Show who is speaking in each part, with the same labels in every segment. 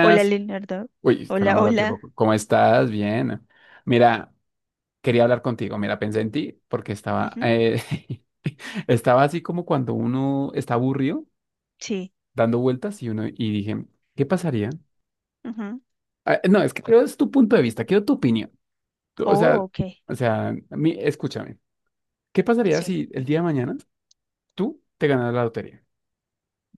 Speaker 1: Hola, Leonardo.
Speaker 2: Uy,
Speaker 1: Hola,
Speaker 2: estamos a
Speaker 1: hola.
Speaker 2: tiempo. ¿Cómo estás? Bien. Mira, quería hablar contigo. Mira, pensé en ti porque estaba,
Speaker 1: Ujú.
Speaker 2: estaba así como cuando uno está aburrido,
Speaker 1: Sí.
Speaker 2: dando vueltas y uno y dije, ¿qué pasaría?
Speaker 1: Ujú.
Speaker 2: Ah, no, es que creo es tu punto de vista, quiero tu opinión. O
Speaker 1: Oh,
Speaker 2: sea,
Speaker 1: ok.
Speaker 2: o sea, escúchame. ¿Qué pasaría
Speaker 1: Sí.
Speaker 2: si el día de mañana tú te ganas la lotería?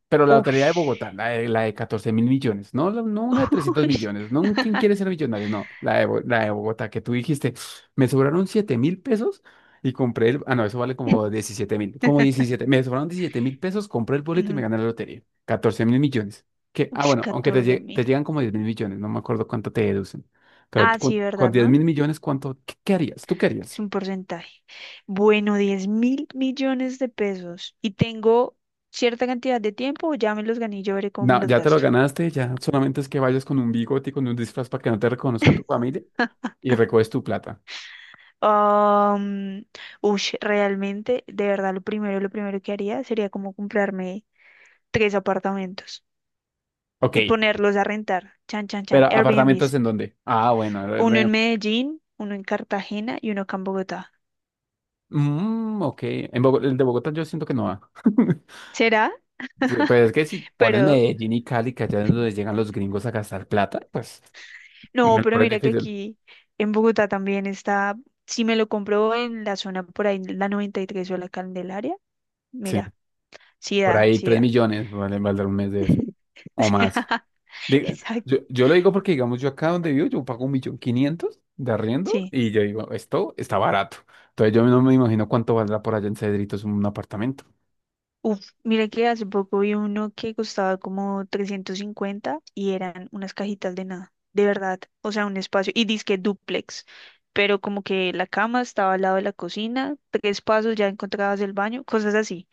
Speaker 2: Pero la Lotería de
Speaker 1: Ush.
Speaker 2: Bogotá, la de 14 mil millones, no, no una de trescientos
Speaker 1: Ush.
Speaker 2: millones, no, ¿quién quiere ser millonario? No, la de Bogotá, que tú dijiste, me sobraron 7.000 pesos y compré el, ah, no, eso vale como 17 mil, como 17 me sobraron 17.000 pesos, compré el boleto y me
Speaker 1: Ujú.
Speaker 2: gané la lotería, 14.000 millones, que, ah,
Speaker 1: Ush,
Speaker 2: bueno, aunque te,
Speaker 1: catorce mil.
Speaker 2: te llegan como 10.000 millones, no me acuerdo cuánto te deducen, pero
Speaker 1: Ah, sí,
Speaker 2: con
Speaker 1: ¿verdad,
Speaker 2: 10
Speaker 1: no?
Speaker 2: mil millones, ¿cuánto, qué harías? ¿Tú qué
Speaker 1: Es
Speaker 2: harías?
Speaker 1: un porcentaje. Bueno, diez mil millones de pesos. Y tengo cierta cantidad de tiempo, o ya me los gané, y yo veré cómo me
Speaker 2: No,
Speaker 1: los
Speaker 2: ya te lo
Speaker 1: gasto.
Speaker 2: ganaste, ya solamente es que vayas con un bigote y con un disfraz para que no te reconozca tu familia. Y recoges tu plata.
Speaker 1: Um, ush, realmente, de verdad, lo primero que haría sería como comprarme tres apartamentos
Speaker 2: Ok.
Speaker 1: y ponerlos a rentar. Chan, chan,
Speaker 2: ¿Pero
Speaker 1: chan.
Speaker 2: apartamentos
Speaker 1: Airbnbs.
Speaker 2: en dónde? Ah, bueno.
Speaker 1: Uno en Medellín, uno en Cartagena y uno acá en Bogotá.
Speaker 2: Mm, ok. En el de Bogotá yo siento que no va.
Speaker 1: ¿Será?
Speaker 2: Sí, pues es que si pones
Speaker 1: Pero
Speaker 2: Medellín y Cali, que allá es donde llegan los gringos a gastar plata, pues
Speaker 1: no,
Speaker 2: me lo
Speaker 1: pero
Speaker 2: pones
Speaker 1: mira que
Speaker 2: difícil.
Speaker 1: aquí en Bogotá también está. Si me lo compro en la zona por ahí, la 93 o la Candelaria,
Speaker 2: Sí.
Speaker 1: mira, sí
Speaker 2: Por
Speaker 1: da,
Speaker 2: ahí
Speaker 1: sí
Speaker 2: 3
Speaker 1: da.
Speaker 2: millones valdrá un mes de eso. O más. Diga-
Speaker 1: Exacto.
Speaker 2: yo lo digo porque, digamos, yo acá donde vivo, yo pago un millón quinientos de arriendo
Speaker 1: Sí.
Speaker 2: y yo digo, esto está barato. Entonces yo no me imagino cuánto valdrá por allá en Cedritos un apartamento.
Speaker 1: Uf, mire que hace poco vi uno que costaba como 350 y eran unas cajitas de nada, de verdad, o sea, un espacio, y dizque dúplex, pero como que la cama estaba al lado de la cocina, tres pasos ya encontrabas el baño, cosas así.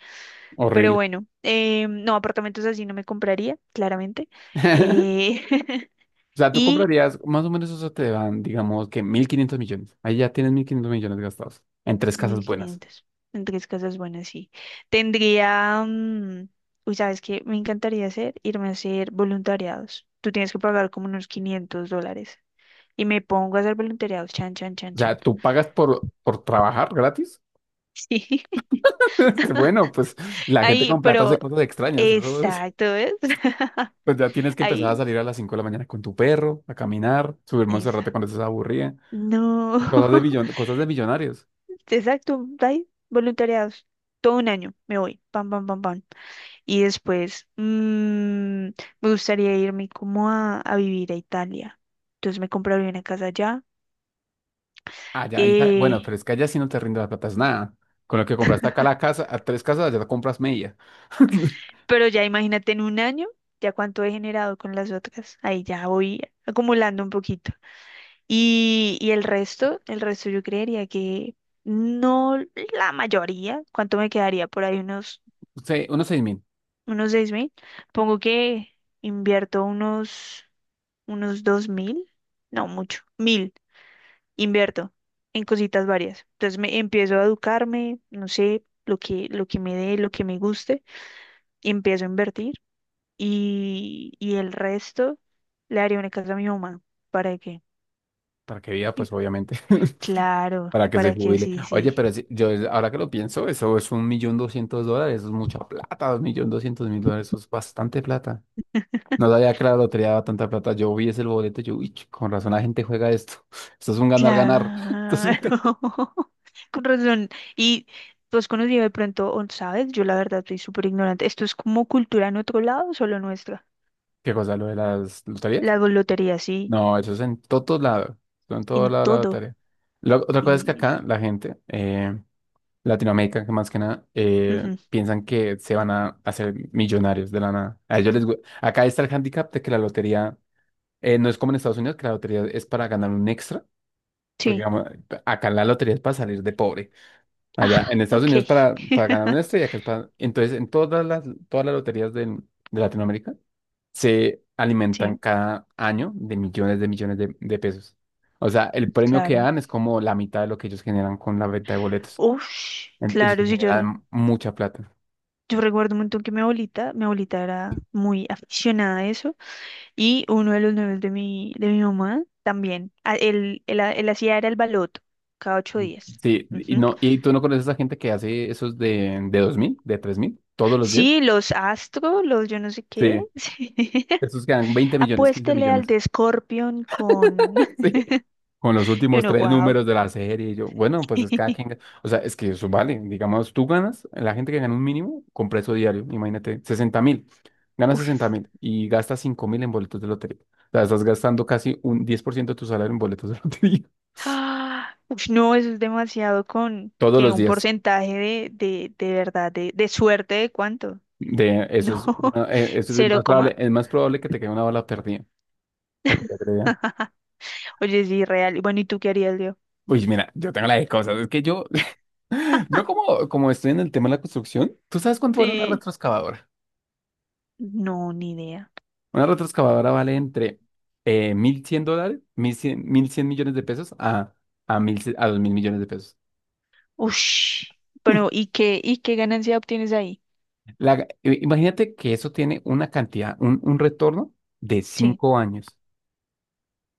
Speaker 1: Pero
Speaker 2: Horrible.
Speaker 1: bueno, no, apartamentos así no me compraría, claramente. Eh,
Speaker 2: O sea, tú
Speaker 1: y
Speaker 2: comprarías, más o menos eso te dan, digamos que 1.500 millones. Ahí ya tienes 1.500 millones gastados en tres casas
Speaker 1: mil
Speaker 2: buenas.
Speaker 1: quinientos en tres casas buenas, sí. Tendría. Uy, ¿sabes qué? Me encantaría hacer, irme a hacer voluntariados. Tú tienes que pagar como unos 500 dólares. Y me pongo a hacer voluntariados. Chan, chan, chan,
Speaker 2: O sea,
Speaker 1: chan.
Speaker 2: tú pagas por, trabajar gratis.
Speaker 1: Sí.
Speaker 2: Bueno, pues la gente
Speaker 1: Ahí,
Speaker 2: con plata hace
Speaker 1: pero.
Speaker 2: cosas extrañas.
Speaker 1: Exacto, ¿ves?
Speaker 2: Pues ya tienes que empezar a
Speaker 1: Ahí.
Speaker 2: salir a las 5 de la mañana con tu perro, a caminar, subir
Speaker 1: Esa.
Speaker 2: Monserrate cuando estés aburrida.
Speaker 1: No.
Speaker 2: Cosas de cosas de millonarios.
Speaker 1: Exacto. Ahí. Voluntariados. Todo un año. Me voy. Pam, pam, pam, pam. Y después me gustaría irme como a vivir a Italia. Entonces me compraría una casa allá.
Speaker 2: Allá,
Speaker 1: Eh,
Speaker 2: bueno, pero es que allá sí no te rinde la plata, es nada. Con lo que compraste acá la casa, a tres casas, allá te compras media.
Speaker 1: pero ya imagínate en un año, ya cuánto he generado con las otras. Ahí ya voy acumulando un poquito. Y el resto yo creería que no la mayoría. ¿Cuánto me quedaría? Por ahí unos,
Speaker 2: Sí, unos 6.000
Speaker 1: unos seis mil. Pongo que invierto unos, unos dos mil. No, mucho. Mil. Invierto en cositas varias. Entonces me empiezo a educarme, no sé, lo que me dé, lo que me guste, y empiezo a invertir y el resto le haré una casa a mi mamá. ¿Para qué?
Speaker 2: para que viva,
Speaker 1: Y-
Speaker 2: pues obviamente.
Speaker 1: Claro,
Speaker 2: Para que se
Speaker 1: para que
Speaker 2: jubile.
Speaker 1: sí,
Speaker 2: Oye,
Speaker 1: sí.
Speaker 2: pero yo ahora que lo pienso, eso es un millón doscientos dólares, eso es mucha plata, un millón doscientos mil dólares, eso es bastante plata. No sabía que la lotería daba tanta plata. Yo vi ese boleto, y yo, uy, con razón la gente juega esto. Esto es un ganar, ganar. Esto es un
Speaker 1: Claro. Con razón. Y tú has conocido de pronto, o ¿sabes? Yo la verdad soy súper ignorante. ¿Esto es como cultura en otro lado o solo nuestra?
Speaker 2: ¿Qué cosa, lo de las loterías?
Speaker 1: La lotería, sí,
Speaker 2: No, eso es en todos lados. Eso en todos
Speaker 1: en
Speaker 2: lados la
Speaker 1: todo.
Speaker 2: lotería. Otra cosa es que
Speaker 1: Y
Speaker 2: acá la gente, Latinoamérica, que más que nada,
Speaker 1: ujú.
Speaker 2: piensan que se van a hacer millonarios de la nada. A ellos les, acá está el handicap de que la lotería no es como en Estados Unidos, que la lotería es para ganar un extra, porque
Speaker 1: Sí.
Speaker 2: digamos, acá la lotería es para salir de pobre. Allá
Speaker 1: Ah,
Speaker 2: en Estados
Speaker 1: ok.
Speaker 2: Unidos para, ganar un extra y acá es para... Entonces, en todas las loterías de Latinoamérica se alimentan
Speaker 1: Sí,
Speaker 2: cada año de millones de millones de, pesos. O sea, el premio que
Speaker 1: claro.
Speaker 2: dan es como la mitad de lo que ellos generan con la venta de boletos.
Speaker 1: Ush,
Speaker 2: Ellos
Speaker 1: claro, sí, yo, re-
Speaker 2: generan mucha plata.
Speaker 1: yo recuerdo un montón que mi abuelita era muy aficionada a eso y uno de los novios de mi mamá también, a- él hacía era el baloto cada ocho días.
Speaker 2: Sí, y
Speaker 1: Ujú.
Speaker 2: no, y tú no conoces a gente que hace esos de, 2.000 de 3.000 todos los días.
Speaker 1: Sí, los astros, los yo no sé qué.
Speaker 2: Sí.
Speaker 1: sí.
Speaker 2: Esos quedan 20 millones, 15
Speaker 1: Apuéstele al
Speaker 2: millones.
Speaker 1: de Scorpion con...
Speaker 2: Sí. Con los
Speaker 1: Y
Speaker 2: últimos
Speaker 1: uno,
Speaker 2: tres
Speaker 1: wow.
Speaker 2: números de la serie. Y yo, bueno, pues es cada quien. O sea, es que eso vale. Digamos, tú ganas, la gente que gana un mínimo, con precio diario, imagínate, 60.000. Ganas sesenta
Speaker 1: Uf.
Speaker 2: mil y gastas 5.000 en boletos de lotería. O sea, estás gastando casi un 10% de tu salario en boletos de lotería.
Speaker 1: Ah, uf, no, eso es demasiado con
Speaker 2: Todos
Speaker 1: que
Speaker 2: los
Speaker 1: un
Speaker 2: días.
Speaker 1: porcentaje de verdad, de suerte de cuánto.
Speaker 2: Eso
Speaker 1: No,
Speaker 2: es eso
Speaker 1: cero coma.
Speaker 2: es más probable que te quede una bala perdida. Para que te crea.
Speaker 1: Oye, es irreal. Y bueno, ¿y tú qué harías, Leo?
Speaker 2: Uy, mira, yo tengo la de cosas. Es que yo como estoy en el tema de la construcción, ¿tú sabes cuánto vale una
Speaker 1: Sí.
Speaker 2: retroexcavadora?
Speaker 1: No, ni idea.
Speaker 2: Una retroexcavadora vale entre 1.100 dólares, mil cien mil cien millones de pesos a, 1.000 a 2.000 millones de pesos.
Speaker 1: Ush. Pero, y qué ganancia obtienes ahí?
Speaker 2: Imagínate que eso tiene una cantidad, un, retorno de
Speaker 1: Sí.
Speaker 2: 5 años.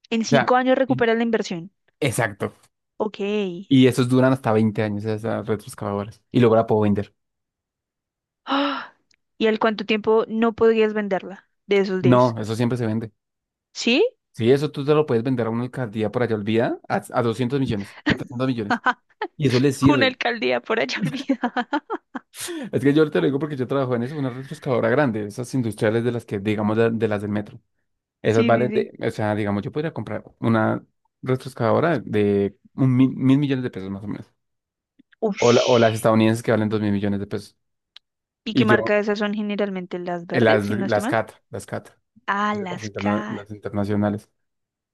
Speaker 1: En
Speaker 2: O sea,
Speaker 1: cinco años
Speaker 2: in-
Speaker 1: recuperas la inversión.
Speaker 2: exacto.
Speaker 1: Ok.
Speaker 2: Y esos duran hasta 20 años, esas retroexcavadoras. Y luego la puedo vender.
Speaker 1: Ah, ¿y al cuánto tiempo no podrías venderla de esos
Speaker 2: No,
Speaker 1: diez?
Speaker 2: eso siempre se vende.
Speaker 1: ¿Sí?
Speaker 2: Sí, eso tú te lo puedes vender a una alcaldía por allá olvida a, 200 millones, a 300 millones. Y eso les
Speaker 1: Una
Speaker 2: sirve.
Speaker 1: alcaldía por allá olvidada.
Speaker 2: Es que yo te lo digo porque yo trabajo en eso, una retroexcavadora grande, esas industriales de las que, digamos, de, las del metro. Esas
Speaker 1: Sí, sí,
Speaker 2: valen
Speaker 1: sí.
Speaker 2: de, o sea, digamos, yo podría comprar una retroexcavadora de un mil, mil millones de pesos más o menos. O, o las
Speaker 1: Ush.
Speaker 2: estadounidenses que valen dos mil millones de pesos.
Speaker 1: ¿Y qué
Speaker 2: Y yo,
Speaker 1: marca de esas son generalmente las verdes,
Speaker 2: las,
Speaker 1: si no estoy mal?
Speaker 2: CAT, las CAT,
Speaker 1: Ah,
Speaker 2: las,
Speaker 1: las K.
Speaker 2: las internacionales.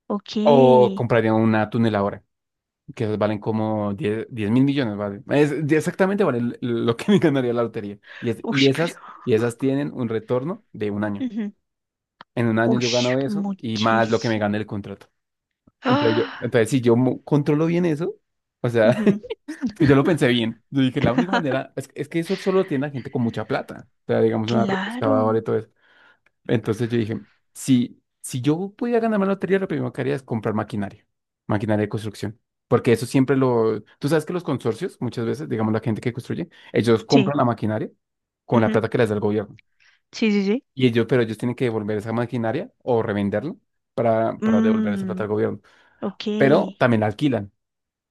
Speaker 1: Ok.
Speaker 2: O
Speaker 1: Uy,
Speaker 2: compraría una tuneladora, que esas valen como 10 10 mil millones, vale. Exactamente vale lo que me ganaría la lotería. Y esas,
Speaker 1: pero.
Speaker 2: tienen un retorno de un año.
Speaker 1: Ujú.
Speaker 2: En un año
Speaker 1: Uy,
Speaker 2: yo gano eso y más lo que me
Speaker 1: muchísimo.
Speaker 2: gane el contrato. Entonces,
Speaker 1: Ah,
Speaker 2: entonces si yo controlo bien eso, o sea,
Speaker 1: ujú.
Speaker 2: es que yo lo pensé bien. Yo dije, la única manera es, que eso solo lo tiene la gente con mucha plata. O sea, digamos, una retroexcavadora
Speaker 1: Claro.
Speaker 2: y todo eso. Entonces yo dije, si, yo pudiera ganarme la lotería, lo primero que haría es comprar maquinaria, maquinaria de construcción. Porque eso siempre lo... Tú sabes que los consorcios, muchas veces, digamos, la gente que construye, ellos
Speaker 1: Sí.
Speaker 2: compran la maquinaria con la
Speaker 1: Ujú.
Speaker 2: plata que les da el gobierno.
Speaker 1: Sí, sí, sí.
Speaker 2: Pero ellos tienen que devolver esa maquinaria o revenderla para, devolver esa plata
Speaker 1: Mm,
Speaker 2: al gobierno.
Speaker 1: ok.
Speaker 2: Pero también la alquilan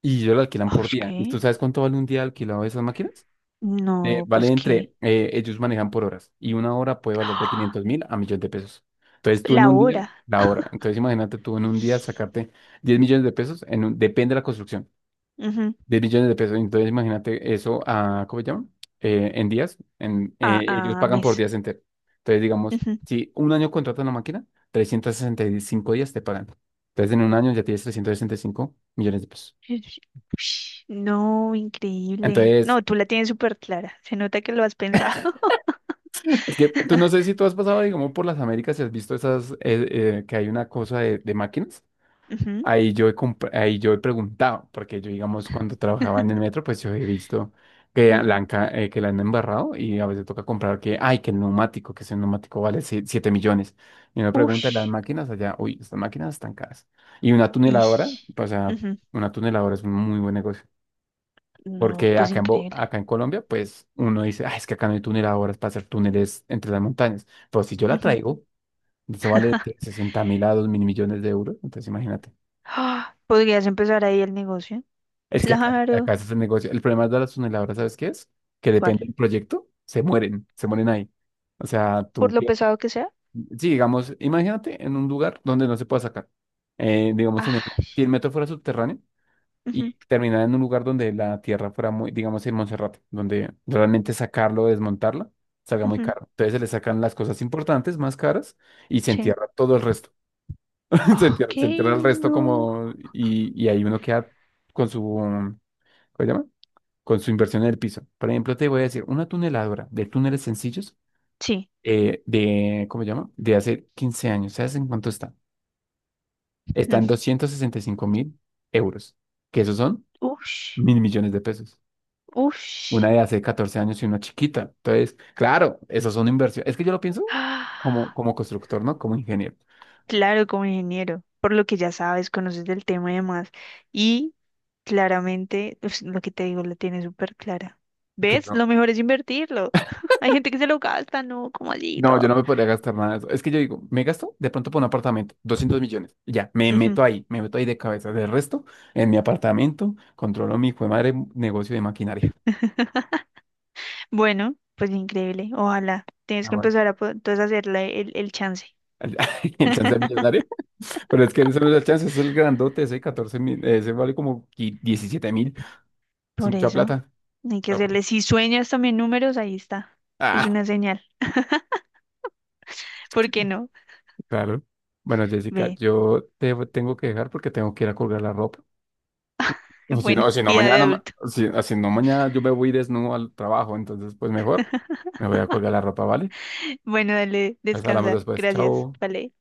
Speaker 2: y ellos la alquilan
Speaker 1: Ah,
Speaker 2: por día. ¿Y tú
Speaker 1: ¿qué?
Speaker 2: sabes cuánto vale un día alquilado de esas máquinas?
Speaker 1: No,
Speaker 2: Vale
Speaker 1: pues qué.
Speaker 2: ellos manejan por horas y una hora puede valer de
Speaker 1: Ah.
Speaker 2: 500 mil a millones de pesos. Entonces tú en
Speaker 1: La
Speaker 2: un día,
Speaker 1: hora.
Speaker 2: la hora. Entonces imagínate tú en un día sacarte 10 millones de pesos, en depende de la construcción,
Speaker 1: Ujú.
Speaker 2: 10 billones de pesos. Entonces, imagínate eso a, ¿cómo se llama? En días.
Speaker 1: Ah,
Speaker 2: Ellos
Speaker 1: ah,
Speaker 2: pagan por
Speaker 1: mes.
Speaker 2: días enteros. Entonces, digamos,
Speaker 1: Ujú.
Speaker 2: si un año contratas la máquina, 365 días te pagan. Entonces, en un año ya tienes 365 millones de pesos.
Speaker 1: Ush, ush. No, increíble.
Speaker 2: Entonces,
Speaker 1: No, tú la tienes súper clara. Se nota que lo has pensado.
Speaker 2: es que tú no sé si tú has pasado, digamos, por las Américas y has visto esas, que hay una cosa de, máquinas.
Speaker 1: Ujú,
Speaker 2: Ahí yo he ahí yo he preguntado, porque yo, digamos, cuando trabajaba en el metro, pues yo he visto que la
Speaker 1: ujú.
Speaker 2: han, que la han embarrado y a veces toca comprar que, ay, que el neumático, que ese neumático vale si, 7 millones. Y uno pregunta, las
Speaker 1: Ush,
Speaker 2: máquinas allá, uy, estas máquinas están caras. Y una tuneladora,
Speaker 1: ish.
Speaker 2: pues, o sea,
Speaker 1: Ujú.
Speaker 2: una tuneladora es un muy buen negocio.
Speaker 1: No,
Speaker 2: Porque
Speaker 1: pues
Speaker 2: acá en,
Speaker 1: increíble.
Speaker 2: acá en Colombia, pues uno dice, ay, es que acá no hay tuneladoras para hacer túneles entre las montañas. Pero si yo la
Speaker 1: Ujú.
Speaker 2: traigo, eso vale 60 mil a 2 mil millones de euros. Entonces, imagínate.
Speaker 1: Ah, ¿podrías empezar ahí el negocio?
Speaker 2: Es que acá,
Speaker 1: Claro.
Speaker 2: ese es el negocio. El problema de las tuneladoras, ¿sabes qué es? Que
Speaker 1: ¿Cuál?
Speaker 2: depende del proyecto, se mueren ahí. O sea,
Speaker 1: Por
Speaker 2: tú,
Speaker 1: lo pesado que sea.
Speaker 2: sí, digamos, imagínate en un lugar donde no se pueda sacar. Digamos,
Speaker 1: Ay,
Speaker 2: si el metro fuera subterráneo
Speaker 1: ujú,
Speaker 2: y terminara en un lugar donde la tierra fuera muy, digamos, en Monserrate, donde realmente sacarlo o desmontarla salga muy
Speaker 1: ujú.
Speaker 2: caro. Entonces se le sacan las cosas importantes, más caras, y se
Speaker 1: Sí.
Speaker 2: entierra todo el resto. Se entierra,
Speaker 1: Ok,
Speaker 2: el resto
Speaker 1: no.
Speaker 2: como, y ahí uno queda con su, ¿cómo se llama? Con su inversión en el piso. Por ejemplo, te voy a decir, una tuneladora de túneles sencillos
Speaker 1: Sí.
Speaker 2: ¿cómo se llama? De hace 15 años. ¿Sabes en cuánto está? Está
Speaker 1: Mm,
Speaker 2: en 265.000 euros, que esos son
Speaker 1: ush,
Speaker 2: mil millones de pesos. Una
Speaker 1: ush.
Speaker 2: de hace 14 años y una chiquita. Entonces, claro, esos son inversión. Es que yo lo pienso como,
Speaker 1: Ah,
Speaker 2: constructor, ¿no? Como ingeniero.
Speaker 1: claro, como ingeniero. Por lo que ya sabes, conoces del tema y demás. Y claramente, pues, lo que te digo, la tiene súper clara. ¿Ves?
Speaker 2: Claro.
Speaker 1: Lo mejor es invertirlo. Hay gente que se lo gasta, ¿no? Como allí y
Speaker 2: No, yo
Speaker 1: todo.
Speaker 2: no me podría gastar nada de eso. Es que yo digo, me gasto de pronto por un apartamento, 200 millones. Y ya,
Speaker 1: Ujú.
Speaker 2: me meto ahí de cabeza. Del resto, en mi apartamento, controlo mi hijo de madre negocio de maquinaria.
Speaker 1: Bueno, pues increíble. Ojalá. Tienes
Speaker 2: Ah,
Speaker 1: que
Speaker 2: bueno.
Speaker 1: empezar a po- entonces hacerle el chance.
Speaker 2: El, chance de millonario. Pero es que eso no es el chance, es el grandote, ese 14 mil, ese vale como 17 mil. Es
Speaker 1: Por
Speaker 2: mucha
Speaker 1: eso,
Speaker 2: plata.
Speaker 1: hay que
Speaker 2: Ah, bueno.
Speaker 1: hacerle. Si sueñas también números, ahí está. Es
Speaker 2: Ah,
Speaker 1: una señal. ¿Por qué no?
Speaker 2: claro. Bueno, Jessica,
Speaker 1: Ve.
Speaker 2: yo te tengo que dejar porque tengo que ir a colgar la ropa. O si no,
Speaker 1: Bueno,
Speaker 2: si no
Speaker 1: vida de
Speaker 2: mañana,
Speaker 1: adulto.
Speaker 2: si no mañana yo me voy desnudo al trabajo, entonces pues mejor me voy a colgar la ropa, ¿vale?
Speaker 1: Bueno, dale,
Speaker 2: Nos hablamos
Speaker 1: descansa.
Speaker 2: después,
Speaker 1: Gracias.
Speaker 2: chao.
Speaker 1: Vale.